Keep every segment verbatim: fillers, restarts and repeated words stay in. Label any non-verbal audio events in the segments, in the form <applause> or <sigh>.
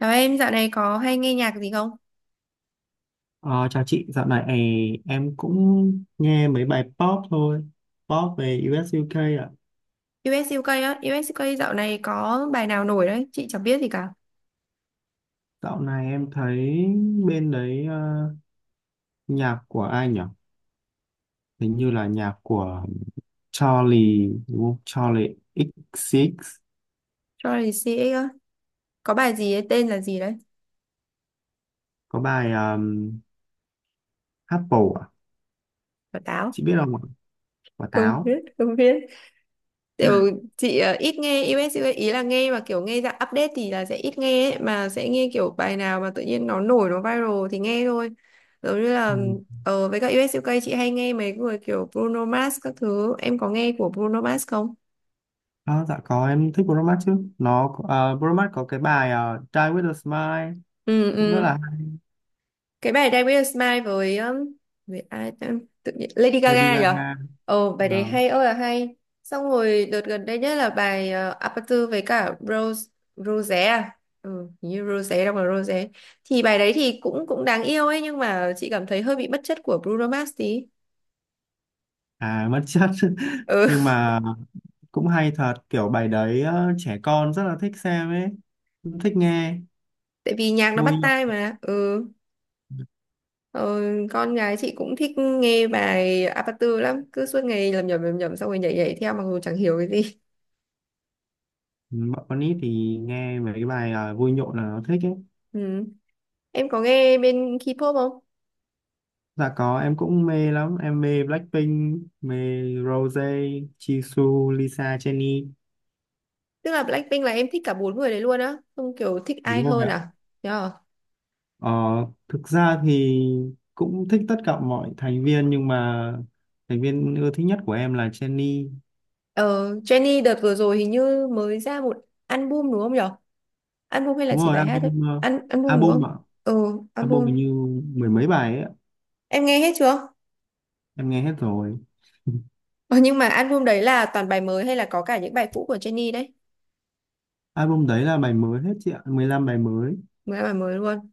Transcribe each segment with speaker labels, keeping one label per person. Speaker 1: Chào em, dạo này có hay nghe nhạc gì không?
Speaker 2: Ờ, chào chị, dạo này em cũng nghe mấy bài pop thôi, pop về u ét iu kê ạ.
Speaker 1: US UK á, US UK dạo này có bài nào nổi đấy, chị chẳng biết gì cả.
Speaker 2: Dạo này em thấy bên đấy, ờ, nhạc của ai nhỉ? Hình như là nhạc của Charlie, đúng không? Charlie ích xê ích,
Speaker 1: Charlie xê ích á, có bài gì ấy, tên là gì đấy?
Speaker 2: có bài um, Apple ạ.
Speaker 1: Quả táo.
Speaker 2: Chị biết không ạ? Quả
Speaker 1: Không
Speaker 2: táo.
Speaker 1: biết, không biết. Kiểu chị ờ, ít nghe diu ét u ca, ý là nghe mà kiểu nghe dạng update thì là sẽ ít nghe ấy, mà sẽ nghe kiểu bài nào mà tự nhiên nó nổi, nó viral thì nghe thôi. Giống như là
Speaker 2: Ừ.
Speaker 1: ờ, với cả u ét u ca chị hay nghe mấy người kiểu Bruno Mars các thứ, em có nghe của Bruno Mars không?
Speaker 2: À, dạ có, em thích Bruno Mars chứ. Nó, uh, Bruno Mars có cái bài ờ, Die With A Smile,
Speaker 1: Ừ
Speaker 2: cũng rất
Speaker 1: ừ,
Speaker 2: là hay.
Speaker 1: cái bài Dance with a Smile với um, với ai ta? Tự nhiên Lady
Speaker 2: Lady
Speaker 1: Gaga nhở.
Speaker 2: Gaga.
Speaker 1: Ồ, bài đấy
Speaker 2: Vâng.
Speaker 1: hay ơi là hay. Xong rồi đợt gần đây nhất là bài uh, Aperture với cả Rose. Rosé à, ừ, hình như Rosé đâu mà Rosé thì bài đấy thì cũng cũng đáng yêu ấy, nhưng mà chị cảm thấy hơi bị bất chất của Bruno Mars tí.
Speaker 2: À, mất chất <laughs>
Speaker 1: Ừ.
Speaker 2: nhưng mà cũng hay thật, kiểu bài đấy, ờ, trẻ con rất là thích xem ấy, cũng thích nghe,
Speaker 1: <laughs> Tại vì nhạc nó
Speaker 2: vui
Speaker 1: bắt
Speaker 2: nhộn.
Speaker 1: tai mà. Ừ. Ờ, con gái chị cũng thích nghe bài Aperture lắm, cứ suốt ngày lầm nhầm lầm nhầm xong rồi nhảy nhảy theo mặc dù chẳng hiểu cái gì.
Speaker 2: Ừ, bọn con nít thì nghe mấy cái bài ờ, vui nhộn là nó thích ấy.
Speaker 1: Ừ. Em có nghe bên K-pop không?
Speaker 2: Dạ có, em cũng mê lắm, em mê Blackpink, mê Rose, Jisoo, Lisa, Jennie.
Speaker 1: Tức là Blackpink là em thích cả bốn người đấy luôn á, không kiểu thích ai
Speaker 2: Đúng rồi
Speaker 1: hơn
Speaker 2: ạ.
Speaker 1: à? Yeah.
Speaker 2: Ờ, thực ra thì cũng thích tất cả mọi thành viên, nhưng mà thành viên ưa thích nhất của em là Jennie.
Speaker 1: Ờ, Jennie đợt vừa rồi hình như mới ra một album đúng không nhở? Album hay là
Speaker 2: Đúng
Speaker 1: chỉ
Speaker 2: rồi,
Speaker 1: bài hát
Speaker 2: album,
Speaker 1: thôi?
Speaker 2: ờ,
Speaker 1: Al album đúng
Speaker 2: album
Speaker 1: không?
Speaker 2: ạ.
Speaker 1: Ừ,
Speaker 2: Album
Speaker 1: album.
Speaker 2: hình như mười mấy bài ấy ạ.
Speaker 1: Em nghe hết chưa?
Speaker 2: Em nghe hết rồi. <laughs>
Speaker 1: Ờ, nhưng mà album đấy là toàn bài mới hay là có cả những bài cũ của Jennie đấy?
Speaker 2: Album đấy là bài mới hết, chị ạ, mười lăm bài mới.
Speaker 1: Mới, bài mới luôn.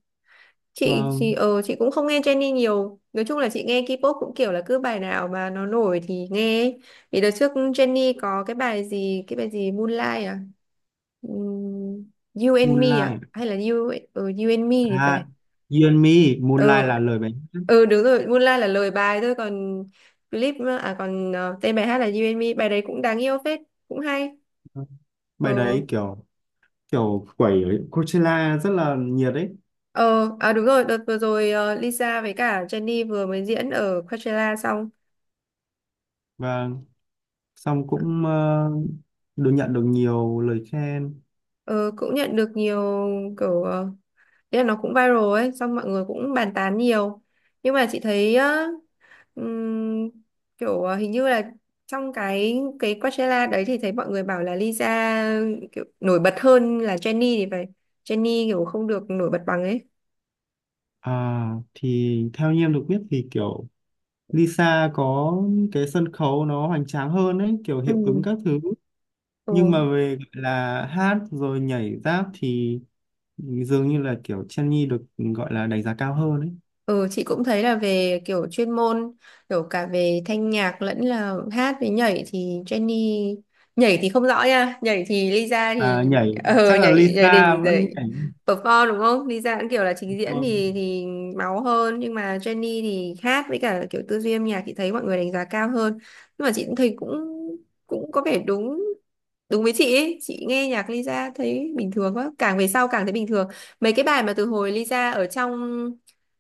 Speaker 1: chị chị
Speaker 2: Vâng.
Speaker 1: ờ chị cũng không nghe Jennie nhiều, nói chung là chị nghe K-pop cũng kiểu là cứ bài nào mà nó nổi thì nghe ấy. Thì đợt trước Jennie có cái bài gì, cái bài gì Moonlight à, Ừm, You and Me à
Speaker 2: Moonlight.
Speaker 1: hay là You ờ, You and Me thì
Speaker 2: À,
Speaker 1: phải.
Speaker 2: You and Me. Moonlight
Speaker 1: Ờ,
Speaker 2: là lời bài
Speaker 1: ừ đúng rồi, Moonlight là lời bài thôi, còn clip, à còn ờ, tên bài hát là You and Me, bài đấy cũng đáng yêu phết, cũng hay.
Speaker 2: hát. Bài
Speaker 1: Ờ,
Speaker 2: đấy kiểu, kiểu quẩy ở Coachella rất là nhiệt ấy.
Speaker 1: ờ, à đúng rồi, đợt vừa rồi ờ, Lisa với cả Jennie vừa mới diễn ở Coachella xong.
Speaker 2: Và xong cũng ờ, được nhận, được nhiều lời khen.
Speaker 1: Ờ, cũng nhận được nhiều kiểu ờ, ý là nó cũng viral ấy, xong mọi người cũng bàn tán nhiều, nhưng mà chị thấy á, ừm, kiểu ờ, hình như là trong cái cái Coachella đấy thì thấy mọi người bảo là Lisa kiểu nổi bật hơn là Jennie thì phải, Jennie kiểu không được nổi bật bằng ấy.
Speaker 2: À, thì theo như em được biết thì kiểu Lisa có cái sân khấu nó hoành tráng hơn ấy, kiểu
Speaker 1: Ừ.
Speaker 2: hiệu ứng các thứ. Nhưng mà
Speaker 1: Ừ.
Speaker 2: về gọi là hát rồi nhảy rap thì dường như là kiểu Jennie được gọi là đánh giá cao hơn ấy.
Speaker 1: Ừ, chị cũng thấy là về kiểu chuyên môn, kiểu cả về thanh nhạc lẫn là hát với nhảy thì Jenny, nhảy thì không rõ nha, nhảy thì Lisa
Speaker 2: À,
Speaker 1: thì
Speaker 2: nhảy
Speaker 1: ờ
Speaker 2: chắc là
Speaker 1: nhảy nhảy
Speaker 2: Lisa
Speaker 1: đình
Speaker 2: vẫn
Speaker 1: nhảy
Speaker 2: nhảy
Speaker 1: perform đúng không? Lisa cũng kiểu là trình diễn
Speaker 2: thôi.
Speaker 1: thì thì máu hơn, nhưng mà Jenny thì hát với cả kiểu tư duy âm nhạc chị thấy mọi người đánh giá cao hơn. Nhưng mà chị cũng thấy cũng cũng có vẻ đúng đúng với chị ấy. Chị nghe nhạc Lisa thấy bình thường quá, càng về sau càng thấy bình thường. Mấy cái bài mà từ hồi Lisa ở trong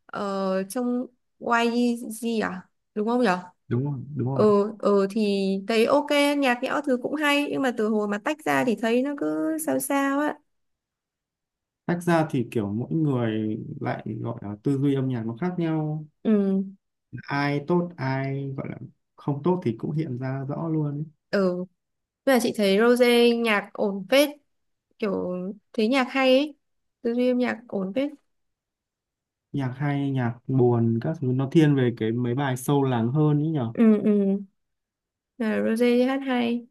Speaker 1: ờ, trong quy giê à đúng không nhở.
Speaker 2: Đúng rồi, đúng
Speaker 1: Ờ,
Speaker 2: rồi ạ.
Speaker 1: ờ thì thấy ok, nhạc nhẽo thứ cũng hay, nhưng mà từ hồi mà tách ra thì thấy nó cứ sao sao á.
Speaker 2: Tách ra thì kiểu mỗi người lại gọi là tư duy âm nhạc nó khác nhau,
Speaker 1: Ừ.
Speaker 2: ai tốt, ai gọi là không tốt thì cũng hiện ra rõ luôn ấy.
Speaker 1: Ừ, nhưng mà chị thấy Rose nhạc ổn phết, kiểu thấy nhạc hay ấy, tư duy âm nhạc ổn phết.
Speaker 2: Nhạc hay, nhạc buồn các thứ, nó thiên về cái mấy bài sâu lắng hơn ấy nhở.
Speaker 1: Ừ, ừ, là Rose hát hay,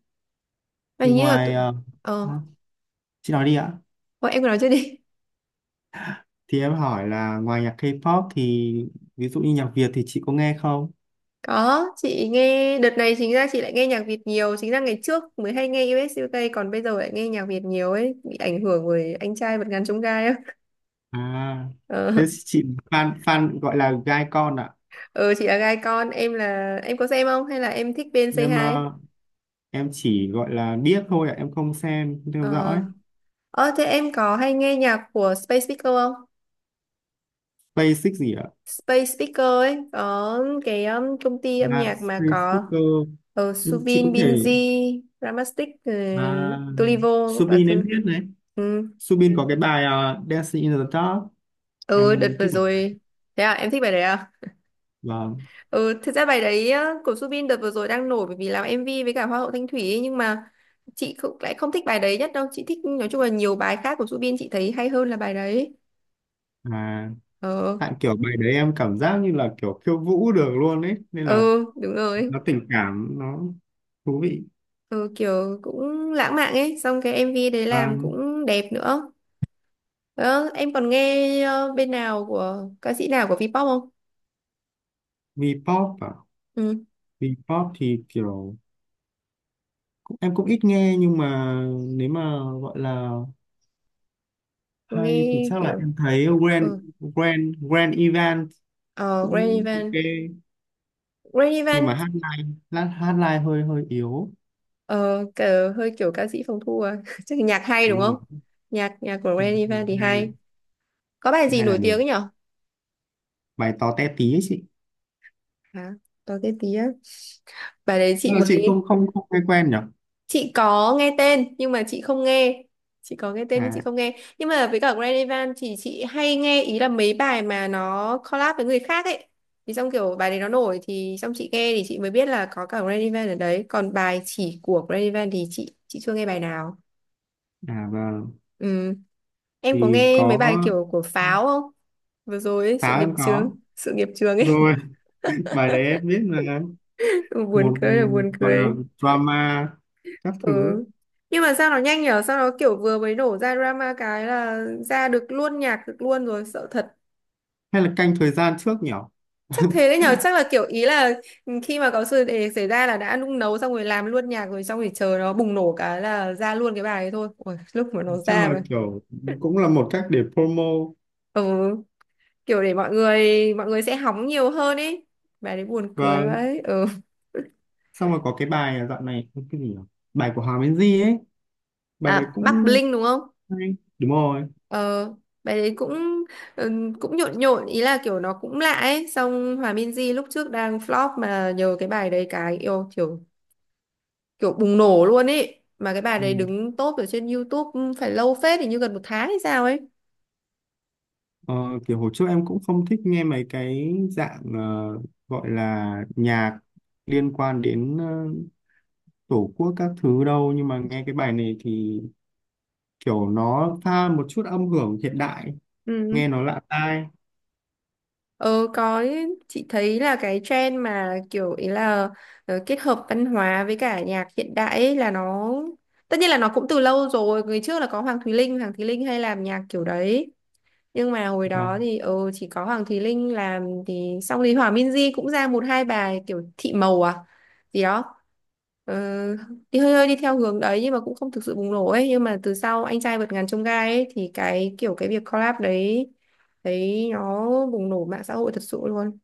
Speaker 1: mà
Speaker 2: Thì
Speaker 1: hình như là tự-
Speaker 2: ngoài ờ,
Speaker 1: ờ
Speaker 2: hả? Chị nói đi ạ.
Speaker 1: thôi em cứ nói trước đi.
Speaker 2: Thì em hỏi là ngoài nhạc K-pop thì ví dụ như nhạc Việt thì chị có nghe không?
Speaker 1: Có, chị nghe đợt này chính ra chị lại nghe nhạc Việt nhiều, chính ra ngày trước mới hay nghe diu ét diu kây còn bây giờ lại nghe nhạc Việt nhiều ấy, bị ảnh hưởng bởi anh trai vượt ngàn chông gai á.
Speaker 2: À,
Speaker 1: Ờ,
Speaker 2: thế chị fan fan gọi là gai con ạ.
Speaker 1: ờ, chị là gai con, em là em có xem không hay là em thích bên Say
Speaker 2: Em
Speaker 1: Hi?
Speaker 2: ờ, em chỉ gọi là biết thôi ạ, em không xem, không theo
Speaker 1: Ờ,
Speaker 2: dõi.
Speaker 1: ờ thế em có hay nghe nhạc của Space Speaker không?
Speaker 2: Basic gì ạ?
Speaker 1: Space Speaker ấy có cái um, công ty âm
Speaker 2: À,
Speaker 1: nhạc mà
Speaker 2: Space
Speaker 1: có
Speaker 2: Sticker.
Speaker 1: ờ,
Speaker 2: Ừ, chị có
Speaker 1: Suvin, Binz,
Speaker 2: thể,
Speaker 1: Ramastic, uh,
Speaker 2: à,
Speaker 1: Tulivo, à,
Speaker 2: Subin
Speaker 1: tu,
Speaker 2: em biết đấy.
Speaker 1: ừ.
Speaker 2: Subin có cái bài ờ, Dancing in the Dark,
Speaker 1: Ừ đợt
Speaker 2: em
Speaker 1: vừa
Speaker 2: thích bài đấy.
Speaker 1: rồi. Thế à em thích bài đấy à.
Speaker 2: Vâng.
Speaker 1: Ừ thực ra bài đấy á, của Subin đợt vừa rồi đang nổi, bởi vì làm em vi với cả Hoa hậu Thanh Thủy ấy. Nhưng mà chị không, lại không thích bài đấy nhất đâu, chị thích nói chung là nhiều bài khác của Subin chị thấy hay hơn là bài đấy.
Speaker 2: À,
Speaker 1: Ờ,
Speaker 2: tại kiểu bài đấy em cảm giác như là kiểu khiêu vũ được luôn ấy, nên là
Speaker 1: ừ đúng rồi.
Speaker 2: nó tình cảm, nó thú vị.
Speaker 1: Ừ, kiểu cũng lãng mạn ấy, xong cái em vê đấy
Speaker 2: Và
Speaker 1: làm cũng đẹp nữa. Ờ, em còn nghe ờ, bên nào của ca sĩ nào của Vpop không?
Speaker 2: V-pop à?
Speaker 1: Ừ,
Speaker 2: V-pop thì kiểu cũng, em cũng ít nghe, nhưng mà nếu mà gọi là hay thì
Speaker 1: nghe
Speaker 2: chắc là
Speaker 1: kiểu,
Speaker 2: em thấy Grand
Speaker 1: ừ.
Speaker 2: Grand Grand Event
Speaker 1: Ờ, Granny
Speaker 2: cũng ok,
Speaker 1: Van. Granny
Speaker 2: nhưng mà
Speaker 1: Van.
Speaker 2: hát live, lát hát live hơi hơi yếu.
Speaker 1: Ờ, cờ, hơi kiểu ca sĩ phòng thu à. <laughs> Chắc là nhạc hay đúng
Speaker 2: Đúng
Speaker 1: không?
Speaker 2: rồi,
Speaker 1: Nhạc nhạc của Ren Evan thì
Speaker 2: hay.
Speaker 1: hay. Có bài gì
Speaker 2: Hay là
Speaker 1: nổi
Speaker 2: được
Speaker 1: tiếng ấy nhở?
Speaker 2: bài to té tí ấy chị.
Speaker 1: Hả? Có cái tí á. Bài đấy
Speaker 2: Chắc
Speaker 1: chị
Speaker 2: là chị không
Speaker 1: mới,
Speaker 2: không không nghe quen nhỉ.
Speaker 1: chị có nghe tên nhưng mà chị không nghe. Chị có nghe tên nhưng chị
Speaker 2: À,
Speaker 1: không nghe. Nhưng mà với cả Ren Evan thì chị hay nghe ý là mấy bài mà nó collab với người khác ấy. Thì xong kiểu bài đấy nó nổi thì xong chị nghe thì chị mới biết là có cả Ren Evan ở đấy. Còn bài chỉ của Ren Evan thì chị chị chưa nghe bài nào.
Speaker 2: à, vâng,
Speaker 1: Ừ. Em có
Speaker 2: thì
Speaker 1: nghe mấy
Speaker 2: có,
Speaker 1: bài kiểu của Pháo không? Vừa rồi ấy, sự
Speaker 2: táo
Speaker 1: nghiệp
Speaker 2: em
Speaker 1: chướng,
Speaker 2: có
Speaker 1: sự nghiệp chướng ấy,
Speaker 2: rồi. <laughs> Bài đấy em biết mà.
Speaker 1: <laughs> buồn
Speaker 2: Một,
Speaker 1: cười là buồn
Speaker 2: gọi là
Speaker 1: cười.
Speaker 2: drama các
Speaker 1: Ừ.
Speaker 2: thứ.
Speaker 1: Nhưng mà sao nó nhanh nhở? Sao nó kiểu vừa mới nổ ra drama cái là ra được luôn nhạc được luôn rồi, sợ thật.
Speaker 2: Hay là canh thời gian trước nhỉ? <laughs>
Speaker 1: Chắc thế đấy nhở, chắc là kiểu ý là khi mà có sự để xảy ra là đã nung nấu xong rồi làm luôn nhạc rồi xong rồi chờ nó bùng nổ cái là ra luôn cái bài ấy thôi. Ôi, lúc mà nó
Speaker 2: Chắc
Speaker 1: ra
Speaker 2: là
Speaker 1: mà.
Speaker 2: kiểu cũng là một cách để promo.
Speaker 1: Ừ, kiểu để mọi người mọi người sẽ hóng nhiều hơn ấy. Bài đấy buồn cười
Speaker 2: Và
Speaker 1: vậy. Ừ.
Speaker 2: xong rồi có cái bài, à, dạo này cái gì nhỉ, bài của Hoàng Minh Di ấy, bài đấy
Speaker 1: À, Bắc
Speaker 2: cũng
Speaker 1: Bling đúng không?
Speaker 2: hay. Đúng rồi.
Speaker 1: Ờ, bài đấy cũng, ừ, cũng nhộn nhộn, ý là kiểu nó cũng lạ ấy, xong Hòa Minzy lúc trước đang flop mà nhờ cái bài đấy cái yêu kiểu kiểu bùng nổ luôn ấy. Mà cái bài đấy
Speaker 2: Ừ.
Speaker 1: đứng top ở trên YouTube phải lâu phết thì như gần một tháng hay sao ấy.
Speaker 2: Ờ, kiểu hồi trước em cũng không thích nghe mấy cái dạng ờ, gọi là nhạc liên quan đến ờ, tổ quốc các thứ đâu, nhưng mà nghe cái bài này thì kiểu nó pha một chút âm hưởng hiện đại,
Speaker 1: Ừ.
Speaker 2: nghe nó lạ tai.
Speaker 1: Ờ có ý, chị thấy là cái trend mà kiểu ý là ờ, kết hợp văn hóa với cả nhạc hiện đại ấy là nó tất nhiên là nó cũng từ lâu rồi, người trước là có Hoàng Thùy Linh, Hoàng Thùy Linh hay làm nhạc kiểu đấy, nhưng mà hồi
Speaker 2: À,
Speaker 1: đó thì ừ chỉ có Hoàng Thùy Linh làm thì xong thì Hòa Minzy cũng ra một hai bài kiểu thị màu à gì đó. Ờ, đi hơi hơi đi theo hướng đấy nhưng mà cũng không thực sự bùng nổ ấy, nhưng mà từ sau anh trai vượt ngàn chông gai ấy thì cái kiểu cái việc collab đấy, đấy nó bùng nổ mạng xã hội thật sự luôn.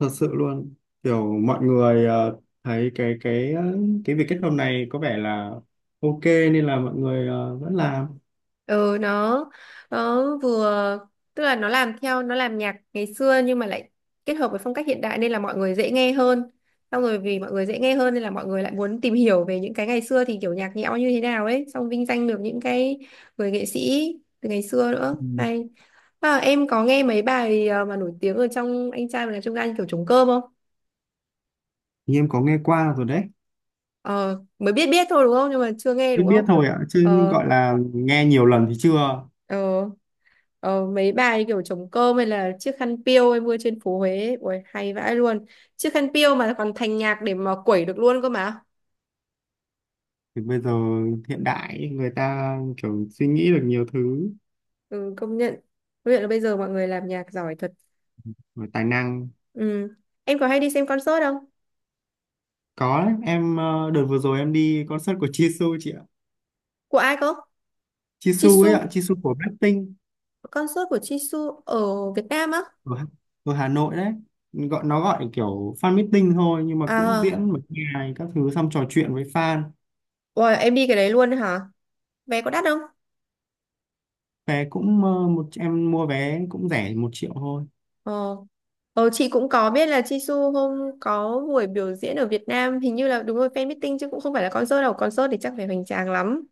Speaker 2: thật sự luôn, kiểu mọi người ờ, thấy cái cái ờ, cái việc kết hôn này có vẻ là ok, nên là mọi người ờ, vẫn làm.
Speaker 1: Ừ nó nó vừa, tức là nó làm theo, nó làm nhạc ngày xưa nhưng mà lại kết hợp với phong cách hiện đại nên là mọi người dễ nghe hơn, xong rồi vì mọi người dễ nghe hơn nên là mọi người lại muốn tìm hiểu về những cái ngày xưa thì kiểu nhạc nhẽo như thế nào ấy, xong vinh danh được những cái người nghệ sĩ từ ngày xưa nữa
Speaker 2: Ừ.
Speaker 1: hay. À, em có nghe mấy bài ờ, mà nổi tiếng ở trong anh trai và trong anh kiểu trống cơm không.
Speaker 2: Thì em có nghe qua rồi đấy.
Speaker 1: Ờ mới biết biết thôi đúng không nhưng mà chưa nghe
Speaker 2: Biết
Speaker 1: đúng
Speaker 2: biết
Speaker 1: không.
Speaker 2: thôi ạ, chứ
Speaker 1: Ờ,
Speaker 2: gọi là nghe nhiều lần thì chưa.
Speaker 1: ờ. Ờ, mấy bài kiểu trống cơm hay là chiếc khăn piêu em mua trên phố Huế ấy. Ui, hay vãi luôn, chiếc khăn piêu mà còn thành nhạc để mà quẩy được luôn cơ mà.
Speaker 2: Thì bây giờ hiện đại ấy, người ta kiểu suy nghĩ được nhiều thứ
Speaker 1: Ừ, công nhận, công nhận là bây giờ mọi người làm nhạc giỏi thật.
Speaker 2: và tài năng.
Speaker 1: Ừ. Em có hay đi xem concert không?
Speaker 2: Có đấy, em ờ, đợt vừa rồi em đi concert của Jisoo chị ạ.
Speaker 1: Của ai cơ?
Speaker 2: Jisoo ấy
Speaker 1: Jisoo,
Speaker 2: ạ, Jisoo của Blackpink.
Speaker 1: concert của Jisoo ở Việt Nam á.
Speaker 2: ở, Hà- Ở Hà Nội đấy, gọi nó gọi kiểu fan meeting thôi, nhưng mà cũng
Speaker 1: À,
Speaker 2: diễn một ngày các thứ, xong trò chuyện với fan.
Speaker 1: ui, em đi cái đấy luôn hả? Vé có đắt không?
Speaker 2: Vé cũng, ờ, một, em mua vé cũng rẻ, một triệu thôi.
Speaker 1: Ờ. Ờ chị cũng có biết là Jisoo hôm có buổi biểu diễn ở Việt Nam hình như là đúng rồi fan meeting chứ cũng không phải là concert đâu, concert thì chắc phải hoành tráng lắm.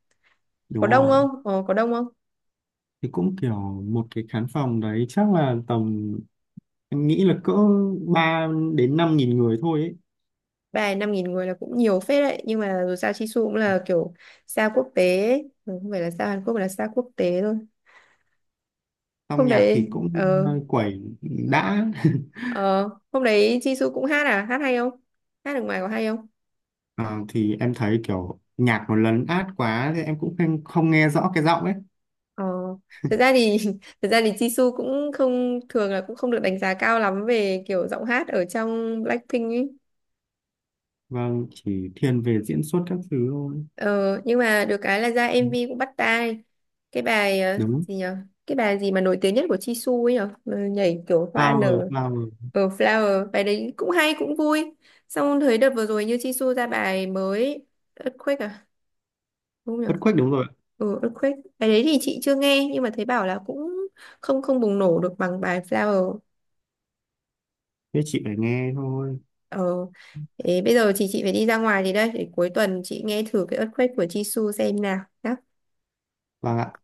Speaker 1: Có
Speaker 2: Đúng
Speaker 1: đông
Speaker 2: rồi.
Speaker 1: không? ờ, có đông không?
Speaker 2: Thì cũng kiểu một cái khán phòng đấy chắc là tầm, em nghĩ là cỡ ba đến năm nghìn người thôi ấy.
Speaker 1: Ba năm nghìn người là cũng nhiều phết đấy, nhưng mà dù sao Jisoo cũng là kiểu sao quốc tế ấy. Ừ, không phải là sao Hàn Quốc mà là sao quốc tế thôi.
Speaker 2: Xong
Speaker 1: Hôm
Speaker 2: nhạc thì
Speaker 1: đấy
Speaker 2: cũng
Speaker 1: ờ,
Speaker 2: ờ, quẩy đã. <laughs>
Speaker 1: ờ hôm đấy Jisoo cũng hát à, hát hay không, hát được ngoài có hay không?
Speaker 2: Ờ, thì em thấy kiểu nhạc nó lấn át quá thì em cũng không, không nghe rõ cái giọng ấy.
Speaker 1: Ờ thực ra thì <laughs> thực ra thì Jisoo cũng không thường là cũng không được đánh giá cao lắm về kiểu giọng hát ở trong Blackpink ấy.
Speaker 2: Vâng, chỉ thiên về diễn xuất các thứ thôi.
Speaker 1: Ờ, nhưng mà được cái là ra
Speaker 2: Ừ,
Speaker 1: em vi cũng bắt tai. Cái bài ờ,
Speaker 2: đúng.
Speaker 1: gì nhở, cái bài gì mà nổi tiếng nhất của Jisoo ấy nhở. Ờ, nhảy kiểu hoa
Speaker 2: Flower,
Speaker 1: nở,
Speaker 2: Flower.
Speaker 1: ở Flower, bài đấy cũng hay cũng vui. Xong thấy đợt vừa rồi như Jisoo ra bài mới Earthquake à đúng không nhở.
Speaker 2: Earthquake, đúng rồi ạ.
Speaker 1: Ừ, Earthquake bài đấy thì chị chưa nghe nhưng mà thấy bảo là cũng không không bùng nổ được bằng bài Flower.
Speaker 2: Thế chị phải nghe thôi.
Speaker 1: Ờ, thế bây giờ chị chị phải đi ra ngoài thì đây để cuối tuần chị nghe thử cái Earthquake của Jisoo xem nào nhá.
Speaker 2: Vâng ạ.